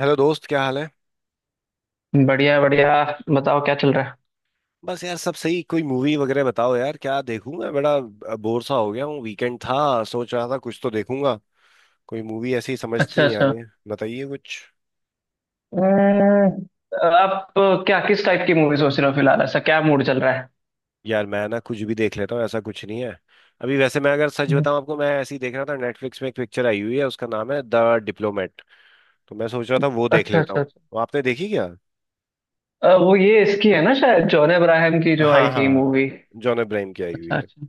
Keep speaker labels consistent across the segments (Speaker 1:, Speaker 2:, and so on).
Speaker 1: Hello दोस्त, क्या हाल है।
Speaker 2: बढ़िया बढ़िया। बताओ क्या चल रहा है?
Speaker 1: बस यार, सब सही। कोई मूवी वगैरह बताओ यार, क्या देखूं मैं। बड़ा बोर सा हो गया हूँ। वीकेंड था, सोच रहा था कुछ तो देखूंगा। कोई मूवी ऐसी
Speaker 2: अच्छा
Speaker 1: समझती नहीं आ
Speaker 2: अच्छा।
Speaker 1: रही है, बताइए कुछ।
Speaker 2: हम्म, आप क्या किस टाइप की मूवी सोच रहे हो? फिलहाल ऐसा क्या मूड चल रहा है?
Speaker 1: यार, मैं ना कुछ भी देख लेता हूँ, ऐसा कुछ नहीं है। अभी वैसे मैं अगर सच
Speaker 2: हम्म,
Speaker 1: बताऊं आपको, मैं ऐसी देख रहा था, नेटफ्लिक्स में एक पिक्चर आई हुई है उसका नाम है द डिप्लोमेट। तो मैं सोच रहा था वो देख
Speaker 2: अच्छा
Speaker 1: लेता
Speaker 2: अच्छा
Speaker 1: हूँ।
Speaker 2: अच्छा।
Speaker 1: वो आपने देखी क्या।
Speaker 2: वो ये इसकी है ना, शायद जॉन अब्राहम की जो
Speaker 1: हाँ
Speaker 2: आई थी
Speaker 1: हाँ,
Speaker 2: मूवी।
Speaker 1: जॉन अब्राहम की आई हुई
Speaker 2: अच्छा
Speaker 1: है।
Speaker 2: अच्छा।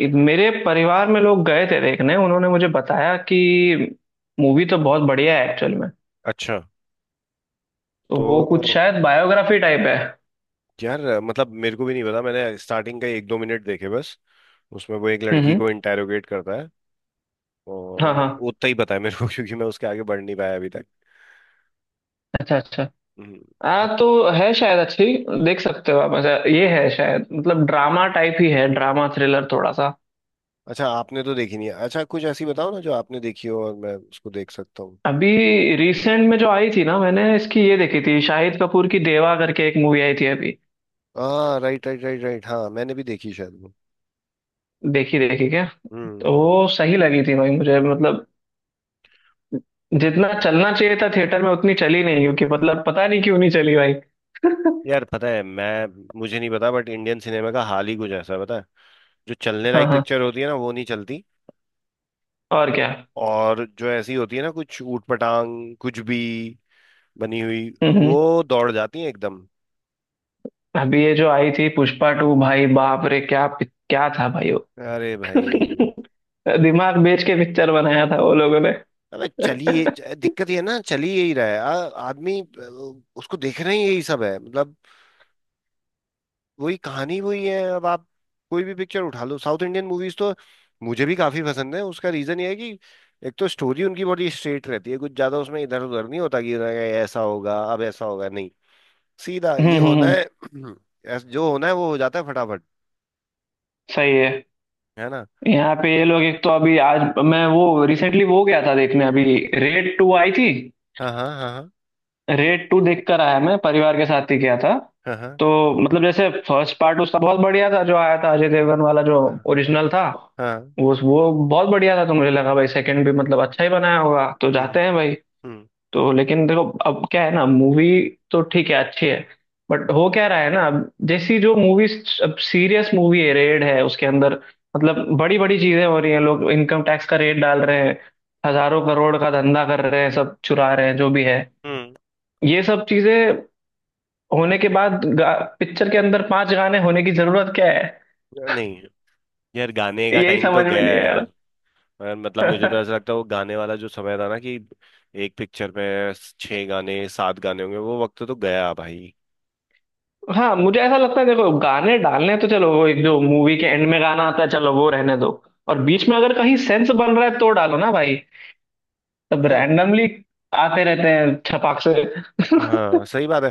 Speaker 2: मेरे परिवार में लोग गए थे देखने, उन्होंने मुझे बताया कि मूवी तो बहुत बढ़िया है एक्चुअल में।
Speaker 1: अच्छा।
Speaker 2: तो वो कुछ
Speaker 1: तो
Speaker 2: शायद बायोग्राफी टाइप है।
Speaker 1: यार मतलब, मेरे को भी नहीं पता। मैंने स्टार्टिंग का एक दो मिनट देखे बस। उसमें वो एक
Speaker 2: हम्म
Speaker 1: लड़की
Speaker 2: हम्म,
Speaker 1: को इंटेरोगेट करता है
Speaker 2: हाँ
Speaker 1: और
Speaker 2: हाँ।
Speaker 1: उतना ही पता है मेरे को क्योंकि मैं उसके आगे बढ़ नहीं पाया अभी तक।
Speaker 2: अच्छा अच्छा।
Speaker 1: हम्म। आप।
Speaker 2: हाँ तो है शायद अच्छी। देख सकते हो आप। ऐसा ये है शायद, मतलब ड्रामा टाइप ही है, ड्रामा थ्रिलर थोड़ा सा।
Speaker 1: अच्छा, आपने तो देखी नहीं है। अच्छा, कुछ ऐसी बताओ ना जो आपने देखी हो और मैं उसको देख सकता हूँ।
Speaker 2: अभी रिसेंट में जो आई थी ना, मैंने इसकी ये देखी थी, शाहिद कपूर की देवा करके एक मूवी आई थी अभी।
Speaker 1: हाँ, राइट राइट राइट राइट। हाँ, मैंने भी देखी शायद वो।
Speaker 2: देखी देखी क्या? तो
Speaker 1: हम्म।
Speaker 2: वो सही लगी थी भाई मुझे, मतलब जितना चलना चाहिए था थिएटर में उतनी चली नहीं, क्योंकि मतलब पता नहीं क्यों नहीं चली भाई
Speaker 1: यार पता है, मैं मुझे नहीं पता, बट इंडियन सिनेमा का हाल ही कुछ ऐसा है, पता है। जो चलने
Speaker 2: हाँ
Speaker 1: लायक
Speaker 2: हाँ।
Speaker 1: पिक्चर होती है ना वो नहीं चलती।
Speaker 2: और क्या।
Speaker 1: और जो ऐसी होती है ना, कुछ ऊट पटांग कुछ भी बनी हुई,
Speaker 2: हम्म हम्म।
Speaker 1: वो दौड़ जाती है एकदम।
Speaker 2: अभी ये जो आई थी पुष्पा 2, भाई बाप रे क्या क्या था भाई
Speaker 1: अरे भाई।
Speaker 2: दिमाग बेच के पिक्चर बनाया था वो लोगों ने
Speaker 1: अबे चलिए,
Speaker 2: हम्म
Speaker 1: दिक्कत ये है ना, चलिए यही रहा है, आदमी। उसको देख रहे ही यही सब है मतलब। वही कहानी वही है। अब आप कोई भी पिक्चर उठा लो, साउथ इंडियन मूवीज तो मुझे भी काफी पसंद है। उसका रीजन ये है कि एक तो स्टोरी उनकी बड़ी स्ट्रेट रहती है, कुछ ज्यादा उसमें इधर उधर नहीं होता कि "अरे, ऐसा होगा अब ऐसा होगा", नहीं, सीधा ये
Speaker 2: हम्म,
Speaker 1: होना
Speaker 2: हम्म,
Speaker 1: है। जो होना है वो हो जाता है फटाफट।
Speaker 2: सही है।
Speaker 1: है ना।
Speaker 2: यहाँ पे ये लोग एक तो, अभी आज मैं वो रिसेंटली वो गया था देखने, अभी रेड 2 आई थी।
Speaker 1: हाँ हाँ हाँ
Speaker 2: रेड 2 देख कर आया मैं, परिवार के साथ ही गया था।
Speaker 1: हाँ हाँ
Speaker 2: तो मतलब जैसे फर्स्ट पार्ट उसका बहुत बढ़िया था, जो आया था अजय देवगन वाला, जो
Speaker 1: हाँ हाँ
Speaker 2: ओरिजिनल था।
Speaker 1: हाँ,
Speaker 2: वो बहुत बढ़िया था, तो मुझे लगा भाई सेकंड भी मतलब अच्छा ही बनाया होगा, तो
Speaker 1: हम्म
Speaker 2: जाते हैं भाई।
Speaker 1: हम्म
Speaker 2: तो लेकिन देखो अब क्या है ना, मूवी तो ठीक है अच्छी है। बट हो क्या रहा है ना, अब जैसी जो मूवीज, अब सीरियस मूवी है, रेड है, उसके अंदर मतलब बड़ी बड़ी चीजें हो रही हैं, लोग इनकम टैक्स का रेड डाल रहे हैं, हजारों करोड़ का धंधा कर रहे हैं, सब चुरा रहे हैं, जो भी है।
Speaker 1: हम्म।
Speaker 2: ये सब चीजें होने के बाद पिक्चर के अंदर पांच गाने होने की जरूरत क्या है?
Speaker 1: नहीं यार, गाने का
Speaker 2: यही
Speaker 1: टाइम तो
Speaker 2: समझ में
Speaker 1: गया
Speaker 2: नहीं
Speaker 1: है
Speaker 2: आ
Speaker 1: यार।
Speaker 2: रहा
Speaker 1: मगर मतलब मुझे तो ऐसा लगता है वो गाने वाला जो समय था ना, कि एक पिक्चर में छह गाने सात गाने होंगे, वो वक्त तो गया भाई।
Speaker 2: हाँ मुझे ऐसा लगता है, देखो गाने डालने हैं तो चलो, वो एक जो मूवी के एंड में गाना आता है, चलो वो रहने दो। और बीच में अगर कहीं सेंस बन रहा है तो डालो ना भाई। तब
Speaker 1: यार
Speaker 2: रैंडमली आते रहते हैं छपाक से
Speaker 1: हाँ, सही बात है।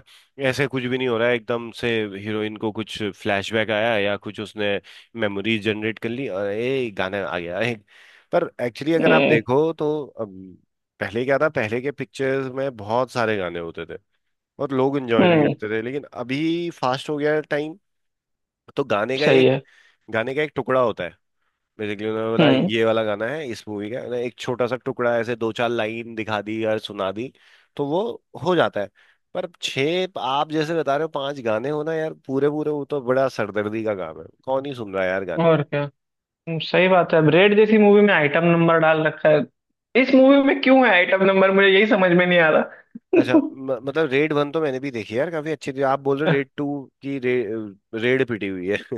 Speaker 1: ऐसे कुछ भी नहीं हो रहा है एकदम से। हीरोइन को कुछ फ्लैशबैक आया या कुछ उसने मेमोरीज जनरेट कर ली और ए गाना आ गया एक। पर एक्चुअली अगर आप
Speaker 2: हम्म
Speaker 1: देखो तो, पहले क्या था, पहले के पिक्चर्स में बहुत सारे गाने होते थे और लोग एंजॉय भी
Speaker 2: हम्म,
Speaker 1: करते थे, लेकिन अभी फास्ट हो गया है टाइम। तो गाने का
Speaker 2: सही
Speaker 1: एक
Speaker 2: है।
Speaker 1: गाने का एक टुकड़ा होता है बेसिकली। उन्होंने बोला
Speaker 2: हम्म,
Speaker 1: ये वाला गाना है इस मूवी का, उन्होंने एक छोटा सा टुकड़ा ऐसे दो चार लाइन दिखा दी और सुना दी, तो वो हो जाता है। पर छः, आप जैसे बता रहे हो पांच गाने होना यार पूरे पूरे, वो तो बड़ा सरदर्दी का काम है, कौन ही सुन रहा है यार गाने।
Speaker 2: और क्या। सही बात है। रेड जैसी मूवी में आइटम नंबर डाल रखा है, इस मूवी में क्यों है आइटम नंबर, मुझे यही समझ में नहीं आ रहा
Speaker 1: अच्छा, मतलब रेड वन तो मैंने भी देखी है यार, काफी अच्छी थी। आप बोल रहे हो रेड टू की, रेड पिटी हुई है।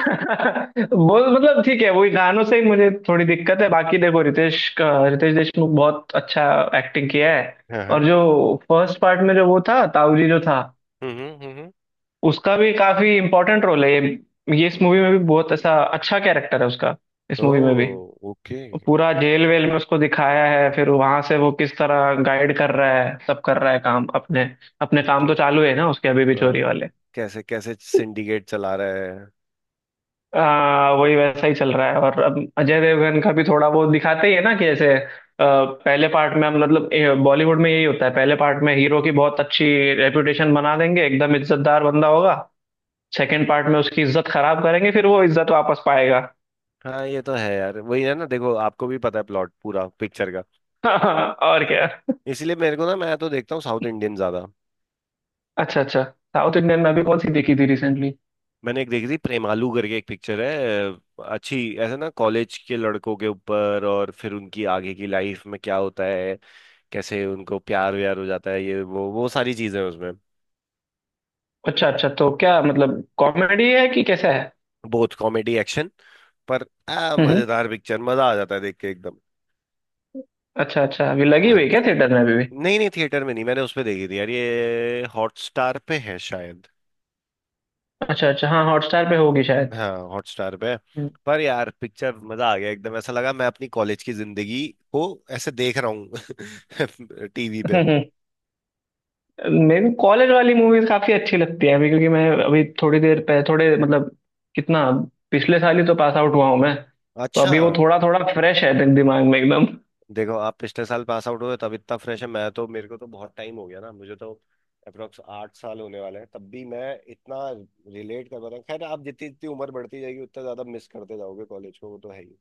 Speaker 2: वो मतलब ठीक है, वही गानों से ही मुझे थोड़ी दिक्कत है, बाकी देखो रितेश का, रितेश देशमुख बहुत अच्छा एक्टिंग किया है।
Speaker 1: हाँ
Speaker 2: और
Speaker 1: हाँ।
Speaker 2: जो फर्स्ट पार्ट में जो वो था ताऊजी जो था,
Speaker 1: हम्म हम्म हम्म, हम्म।
Speaker 2: उसका भी काफी इम्पोर्टेंट रोल है। ये इस मूवी में भी बहुत ऐसा अच्छा कैरेक्टर है उसका। इस मूवी में भी
Speaker 1: ओह ओके।
Speaker 2: पूरा जेल वेल में उसको दिखाया है, फिर वहां से वो किस तरह गाइड कर रहा है, सब कर रहा है, काम अपने, अपने काम
Speaker 1: क्या-
Speaker 2: तो चालू है ना उसके, अभी भी चोरी
Speaker 1: अ,
Speaker 2: वाले।
Speaker 1: कैसे कैसे सिंडिकेट चला रहा है।
Speaker 2: वही वैसा ही चल रहा है। और अब अजय देवगन का भी थोड़ा बहुत दिखाते ही है ना, कि ऐसे पहले पार्ट में हम मतलब बॉलीवुड में यही होता है, पहले पार्ट में हीरो की बहुत अच्छी रेपुटेशन बना देंगे, एकदम इज्जतदार बंदा होगा, सेकंड पार्ट में उसकी इज्जत खराब करेंगे, फिर वो इज्जत वापस पाएगा।
Speaker 1: हाँ ये तो है यार, वही है ना, देखो आपको भी पता है प्लॉट पूरा पिक्चर का।
Speaker 2: और क्या।
Speaker 1: इसीलिए मेरे को ना, मैं तो देखता हूँ साउथ इंडियन ज्यादा।
Speaker 2: अच्छा अच्छा, साउथ इंडियन में अभी कौन सी देखी थी रिसेंटली?
Speaker 1: मैंने एक देखी थी, प्रेमालू करके एक पिक्चर है, अच्छी, ऐसे ना कॉलेज के लड़कों के ऊपर और फिर उनकी आगे की लाइफ में क्या होता है, कैसे उनको प्यार व्यार हो जाता है, ये वो सारी चीजें हैं उसमें।
Speaker 2: अच्छा अच्छा, तो क्या मतलब कॉमेडी है कि कैसा है?
Speaker 1: बहुत कॉमेडी, एक्शन, पर,
Speaker 2: हम्म हम्म,
Speaker 1: मजेदार पिक्चर, मजा आ जाता है देख के एकदम।
Speaker 2: अच्छा अच्छा, अभी लगी हुई
Speaker 1: हाँ।
Speaker 2: है क्या थिएटर में अभी भी?
Speaker 1: नहीं नहीं, थिएटर में नहीं, मैंने उस पे देखी थी यार, ये हॉटस्टार पे है शायद।
Speaker 2: अच्छा अच्छा, हाँ हॉटस्टार पे होगी शायद।
Speaker 1: हाँ, हॉटस्टार पे। पर यार पिक्चर मजा आ गया एकदम, ऐसा लगा मैं अपनी कॉलेज की जिंदगी को ऐसे देख रहा हूँ टीवी पे।
Speaker 2: हम्म मेरे को कॉलेज वाली मूवीज काफी अच्छी लगती है अभी, क्योंकि मैं अभी थोड़ी देर पहले थोड़े, मतलब कितना, पिछले साल ही तो पास आउट हुआ हूँ मैं। तो
Speaker 1: अच्छा,
Speaker 2: अभी वो थोड़ा थोड़ा फ्रेश है, दिमाग में एकदम।
Speaker 1: देखो आप पिछले साल पास आउट हुए तब इतना फ्रेश है, मैं तो, मेरे को तो बहुत टाइम हो गया ना, मुझे तो अप्रोक्स 8 साल होने वाले हैं, तब भी मैं इतना रिलेट कर पा रहा हूँ। खैर, आप जितनी जितनी उम्र बढ़ती जाएगी उतना ज्यादा मिस करते जाओगे कॉलेज को, वो तो है ही।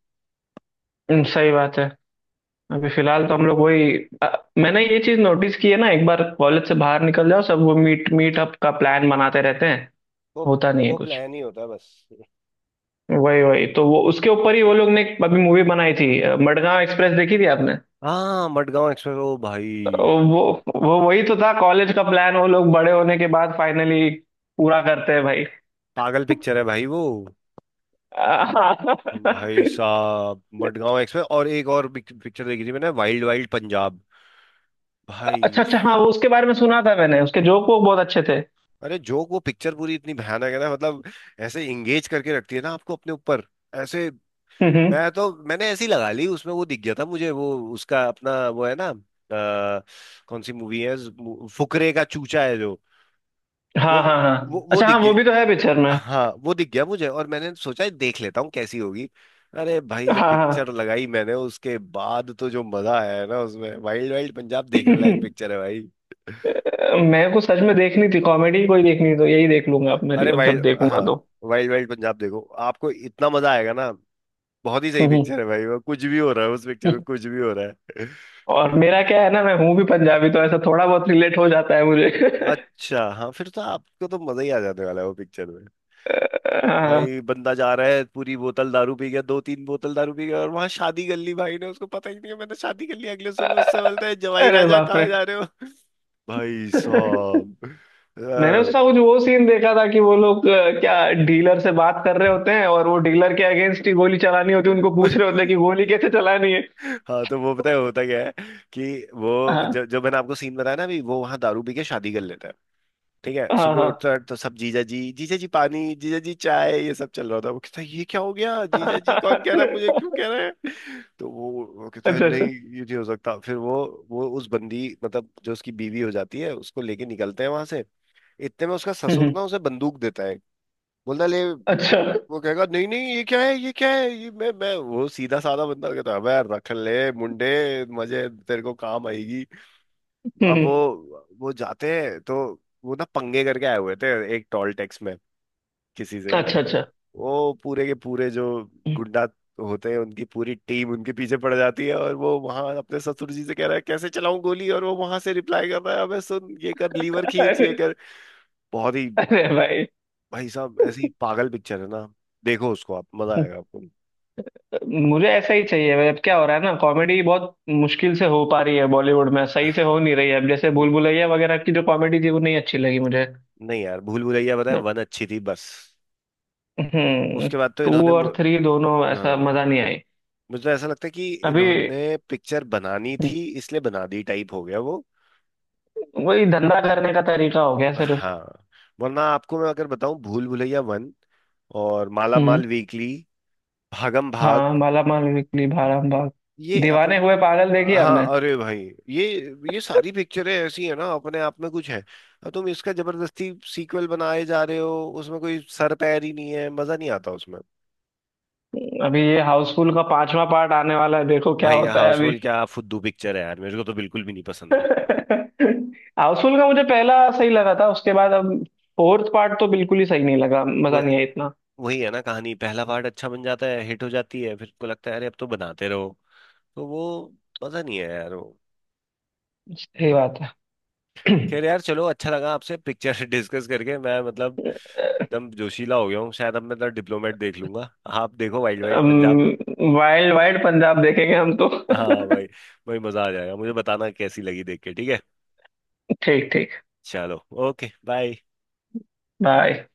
Speaker 2: सही बात है। अभी फिलहाल तो हम लोग वही, अ, मैंने ये चीज नोटिस की है ना, एक बार कॉलेज से बाहर निकल जाओ, सब वो मीटअप का प्लान बनाते रहते हैं,
Speaker 1: तो
Speaker 2: होता नहीं है
Speaker 1: वो
Speaker 2: कुछ।
Speaker 1: प्लान ही होता है बस।
Speaker 2: वही वही तो, वो उसके ऊपर ही वो लोग ने एक अभी मूवी बनाई थी, मडगांव एक्सप्रेस। देखी थी आपने?
Speaker 1: हाँ, मडगांव एक्सप्रेस, ओ भाई,
Speaker 2: वो वो वही तो था कॉलेज का प्लान, वो लोग बड़े होने के बाद फाइनली पूरा करते हैं भाई
Speaker 1: पागल पिक्चर है भाई वो। भाई साहब, मडगांव एक्सप्रेस और एक और पिक्चर देखी थी मैंने, वाइल्ड वाइल्ड पंजाब, भाई।
Speaker 2: अच्छा अच्छा, हाँ वो उसके बारे में सुना था मैंने, उसके जोक वो बहुत अच्छे थे।
Speaker 1: अरे, जो वो पिक्चर पूरी इतनी भयानक है ना, मतलब ऐसे इंगेज करके रखती है ना आपको अपने ऊपर ऐसे।
Speaker 2: हम्म हम्म।
Speaker 1: मैं तो मैंने ऐसी लगा ली, उसमें वो दिख गया था मुझे वो, उसका अपना वो है ना, कौन सी मूवी है, फुकरे का चूचा है जो। वो
Speaker 2: हाँ हाँ
Speaker 1: वो
Speaker 2: हाँ,
Speaker 1: वो
Speaker 2: अच्छा
Speaker 1: दिख
Speaker 2: हाँ वो भी तो है पिक्चर
Speaker 1: गया,
Speaker 2: में।
Speaker 1: हाँ वो दिख गया मुझे, और मैंने सोचा देख लेता हूँ कैसी होगी। अरे भाई, जब
Speaker 2: हाँ हाँ
Speaker 1: पिक्चर लगाई मैंने उसके बाद तो जो मजा आया है ना उसमें, वाइल्ड वाइल्ड पंजाब देखने लायक पिक्चर है भाई।
Speaker 2: मेरे को सच में देखनी थी कॉमेडी कोई, देखनी थी तो यही देख लूंगा अब मेरी,
Speaker 1: अरे
Speaker 2: अब जब
Speaker 1: वाइल्ड, हाँ,
Speaker 2: देखूंगा तो।
Speaker 1: वाइल्ड वाइल्ड पंजाब देखो, आपको इतना मजा आएगा ना। बहुत ही सही
Speaker 2: हम्म
Speaker 1: पिक्चर है भाई वो, कुछ भी हो रहा है उस पिक्चर में, कुछ भी हो रहा है।
Speaker 2: और मेरा क्या है ना, मैं हूँ भी पंजाबी, तो ऐसा थोड़ा बहुत रिलेट हो जाता है मुझे
Speaker 1: अच्छा हाँ, फिर तो आपको तो मजा ही आ जाने वाला है वो पिक्चर।
Speaker 2: हाँ।
Speaker 1: भाई बंदा जा रहा है, पूरी बोतल दारू पी गया, दो तीन बोतल दारू पी गया और वहां शादी कर ली भाई ने, उसको पता ही नहीं है मैंने शादी कर ली। अगले सुबह उससे बोलता है, "जवाई
Speaker 2: अरे
Speaker 1: राजा,
Speaker 2: बाप
Speaker 1: कहाँ
Speaker 2: रे
Speaker 1: जा रहे हो"। भाई साहब
Speaker 2: मैंने
Speaker 1: अ,
Speaker 2: उसका कुछ वो सीन देखा था कि वो लोग क्या डीलर से बात कर रहे होते हैं, और वो डीलर के अगेंस्ट ही गोली चलानी होती है उनको,
Speaker 1: मैं-
Speaker 2: पूछ रहे होते हैं कि गोली कैसे चलानी है।
Speaker 1: हाँ तो वो पता है होता क्या है कि वो,
Speaker 2: हाँ
Speaker 1: जो जो मैंने आपको सीन बताया ना अभी, वो वहां दारू पी के शादी कर लेता है। ठीक है,
Speaker 2: हाँ
Speaker 1: सुबह
Speaker 2: हाँ
Speaker 1: उठता तो सब "जीजा जी जीजा जी पानी, जीजा जी चाय", ये सब चल रहा था। वो कहता है "ये क्या हो गया, जीजा जी कौन कह रहा है, मुझे क्यों कह रहे हैं"। तो वो कहता है
Speaker 2: अच्छा
Speaker 1: नहीं
Speaker 2: अच्छा।
Speaker 1: ये नहीं हो सकता। फिर वो उस बंदी मतलब जो उसकी बीवी हो जाती है उसको लेके निकलते हैं वहां से। इतने में उसका ससुर
Speaker 2: हम्म,
Speaker 1: ना उसे बंदूक देता है, बोलता है, "ले"।
Speaker 2: अच्छा।
Speaker 1: वो कहेगा "नहीं नहीं, ये क्या है, ये क्या है, ये मैं वो", सीधा साधा बंदा। कहता है, "अबे, रख ले मुंडे मजे, तेरे को काम आएगी"। अब
Speaker 2: हम्म,
Speaker 1: वो जाते हैं तो, वो ना पंगे करके आए हुए थे एक टॉल टैक्स में किसी से।
Speaker 2: अच्छा अच्छा।
Speaker 1: वो पूरे के पूरे जो गुंडा होते हैं उनकी पूरी टीम उनके पीछे पड़ जाती है, और वो वहां अपने ससुर जी से कह रहा है कैसे चलाऊं गोली, और वो वहां से रिप्लाई कर रहा है, "अबे सुन, ये कर, लीवर खींच, ये
Speaker 2: अरे
Speaker 1: कर"। बहुत ही
Speaker 2: अरे भाई।
Speaker 1: भाई साहब ऐसी ही पागल पिक्चर है ना, देखो उसको, आप मजा आएगा आपको।
Speaker 2: मुझे ऐसा ही चाहिए भाई, अब क्या हो रहा है ना, कॉमेडी बहुत मुश्किल से हो पा रही है, बॉलीवुड में सही से हो नहीं रही है, अब जैसे भूल भुलैया वगैरह की जो कॉमेडी थी वो नहीं अच्छी लगी मुझे।
Speaker 1: नहीं यार, भूल भुलैया बताए वन अच्छी थी बस,
Speaker 2: हम्म।
Speaker 1: उसके बाद तो
Speaker 2: टू
Speaker 1: इन्होंने
Speaker 2: और थ्री दोनों ऐसा
Speaker 1: हाँ,
Speaker 2: मजा नहीं आई।
Speaker 1: मुझे ऐसा लगता है कि
Speaker 2: अभी
Speaker 1: इन्होंने पिक्चर बनानी थी इसलिए बना दी टाइप हो गया वो।
Speaker 2: वही धंधा करने का तरीका हो गया सिर्फ।
Speaker 1: हाँ, वरना आपको मैं अगर बताऊं, भूल भुलैया वन और माला
Speaker 2: हम्म।
Speaker 1: माल वीकली, भागम भाग,
Speaker 2: हाँ माला माल बिकली, भाराम भाग,
Speaker 1: ये अपन,
Speaker 2: दीवाने हुए पागल देखी हमने।
Speaker 1: हाँ अरे भाई, ये ये सारी पिक्चरें ऐसी है ना, अपने आप में कुछ है, और तुम इसका जबरदस्ती सीक्वल बनाए जा रहे हो, उसमें कोई सर पैर ही नहीं है, मजा नहीं आता उसमें।
Speaker 2: अभी ये हाउसफुल का 5वां पार्ट आने वाला है, देखो क्या
Speaker 1: भाई
Speaker 2: होता है अभी
Speaker 1: हाउसफुल क्या फुद्दू पिक्चर है यार, मेरे को तो बिल्कुल भी नहीं पसंद।
Speaker 2: हाउसफुल का मुझे पहला सही लगा था, उसके बाद अब 4th पार्ट तो बिल्कुल ही सही नहीं लगा,
Speaker 1: वो,
Speaker 2: मजा नहीं आया इतना।
Speaker 1: वही है ना, कहानी पहला पार्ट अच्छा बन जाता है हिट हो जाती है, फिर को लगता है अरे अब तो बनाते रहो, तो वो मजा नहीं है यार वो।
Speaker 2: सही बात है
Speaker 1: खैर यार चलो, अच्छा लगा आपसे पिक्चर डिस्कस करके, मैं मतलब एकदम जोशीला हो गया हूँ शायद। अब मैं तो डिप्लोमेट देख लूंगा, आप देखो wild wild Punjab.
Speaker 2: Wild wild Punjab देखेंगे हम तो
Speaker 1: हाँ भाई, भाई मजा आ जाएगा, मुझे बताना कैसी लगी देख के, ठीक है।
Speaker 2: ठीक ठीक।
Speaker 1: चलो, ओके बाय।
Speaker 2: बाय।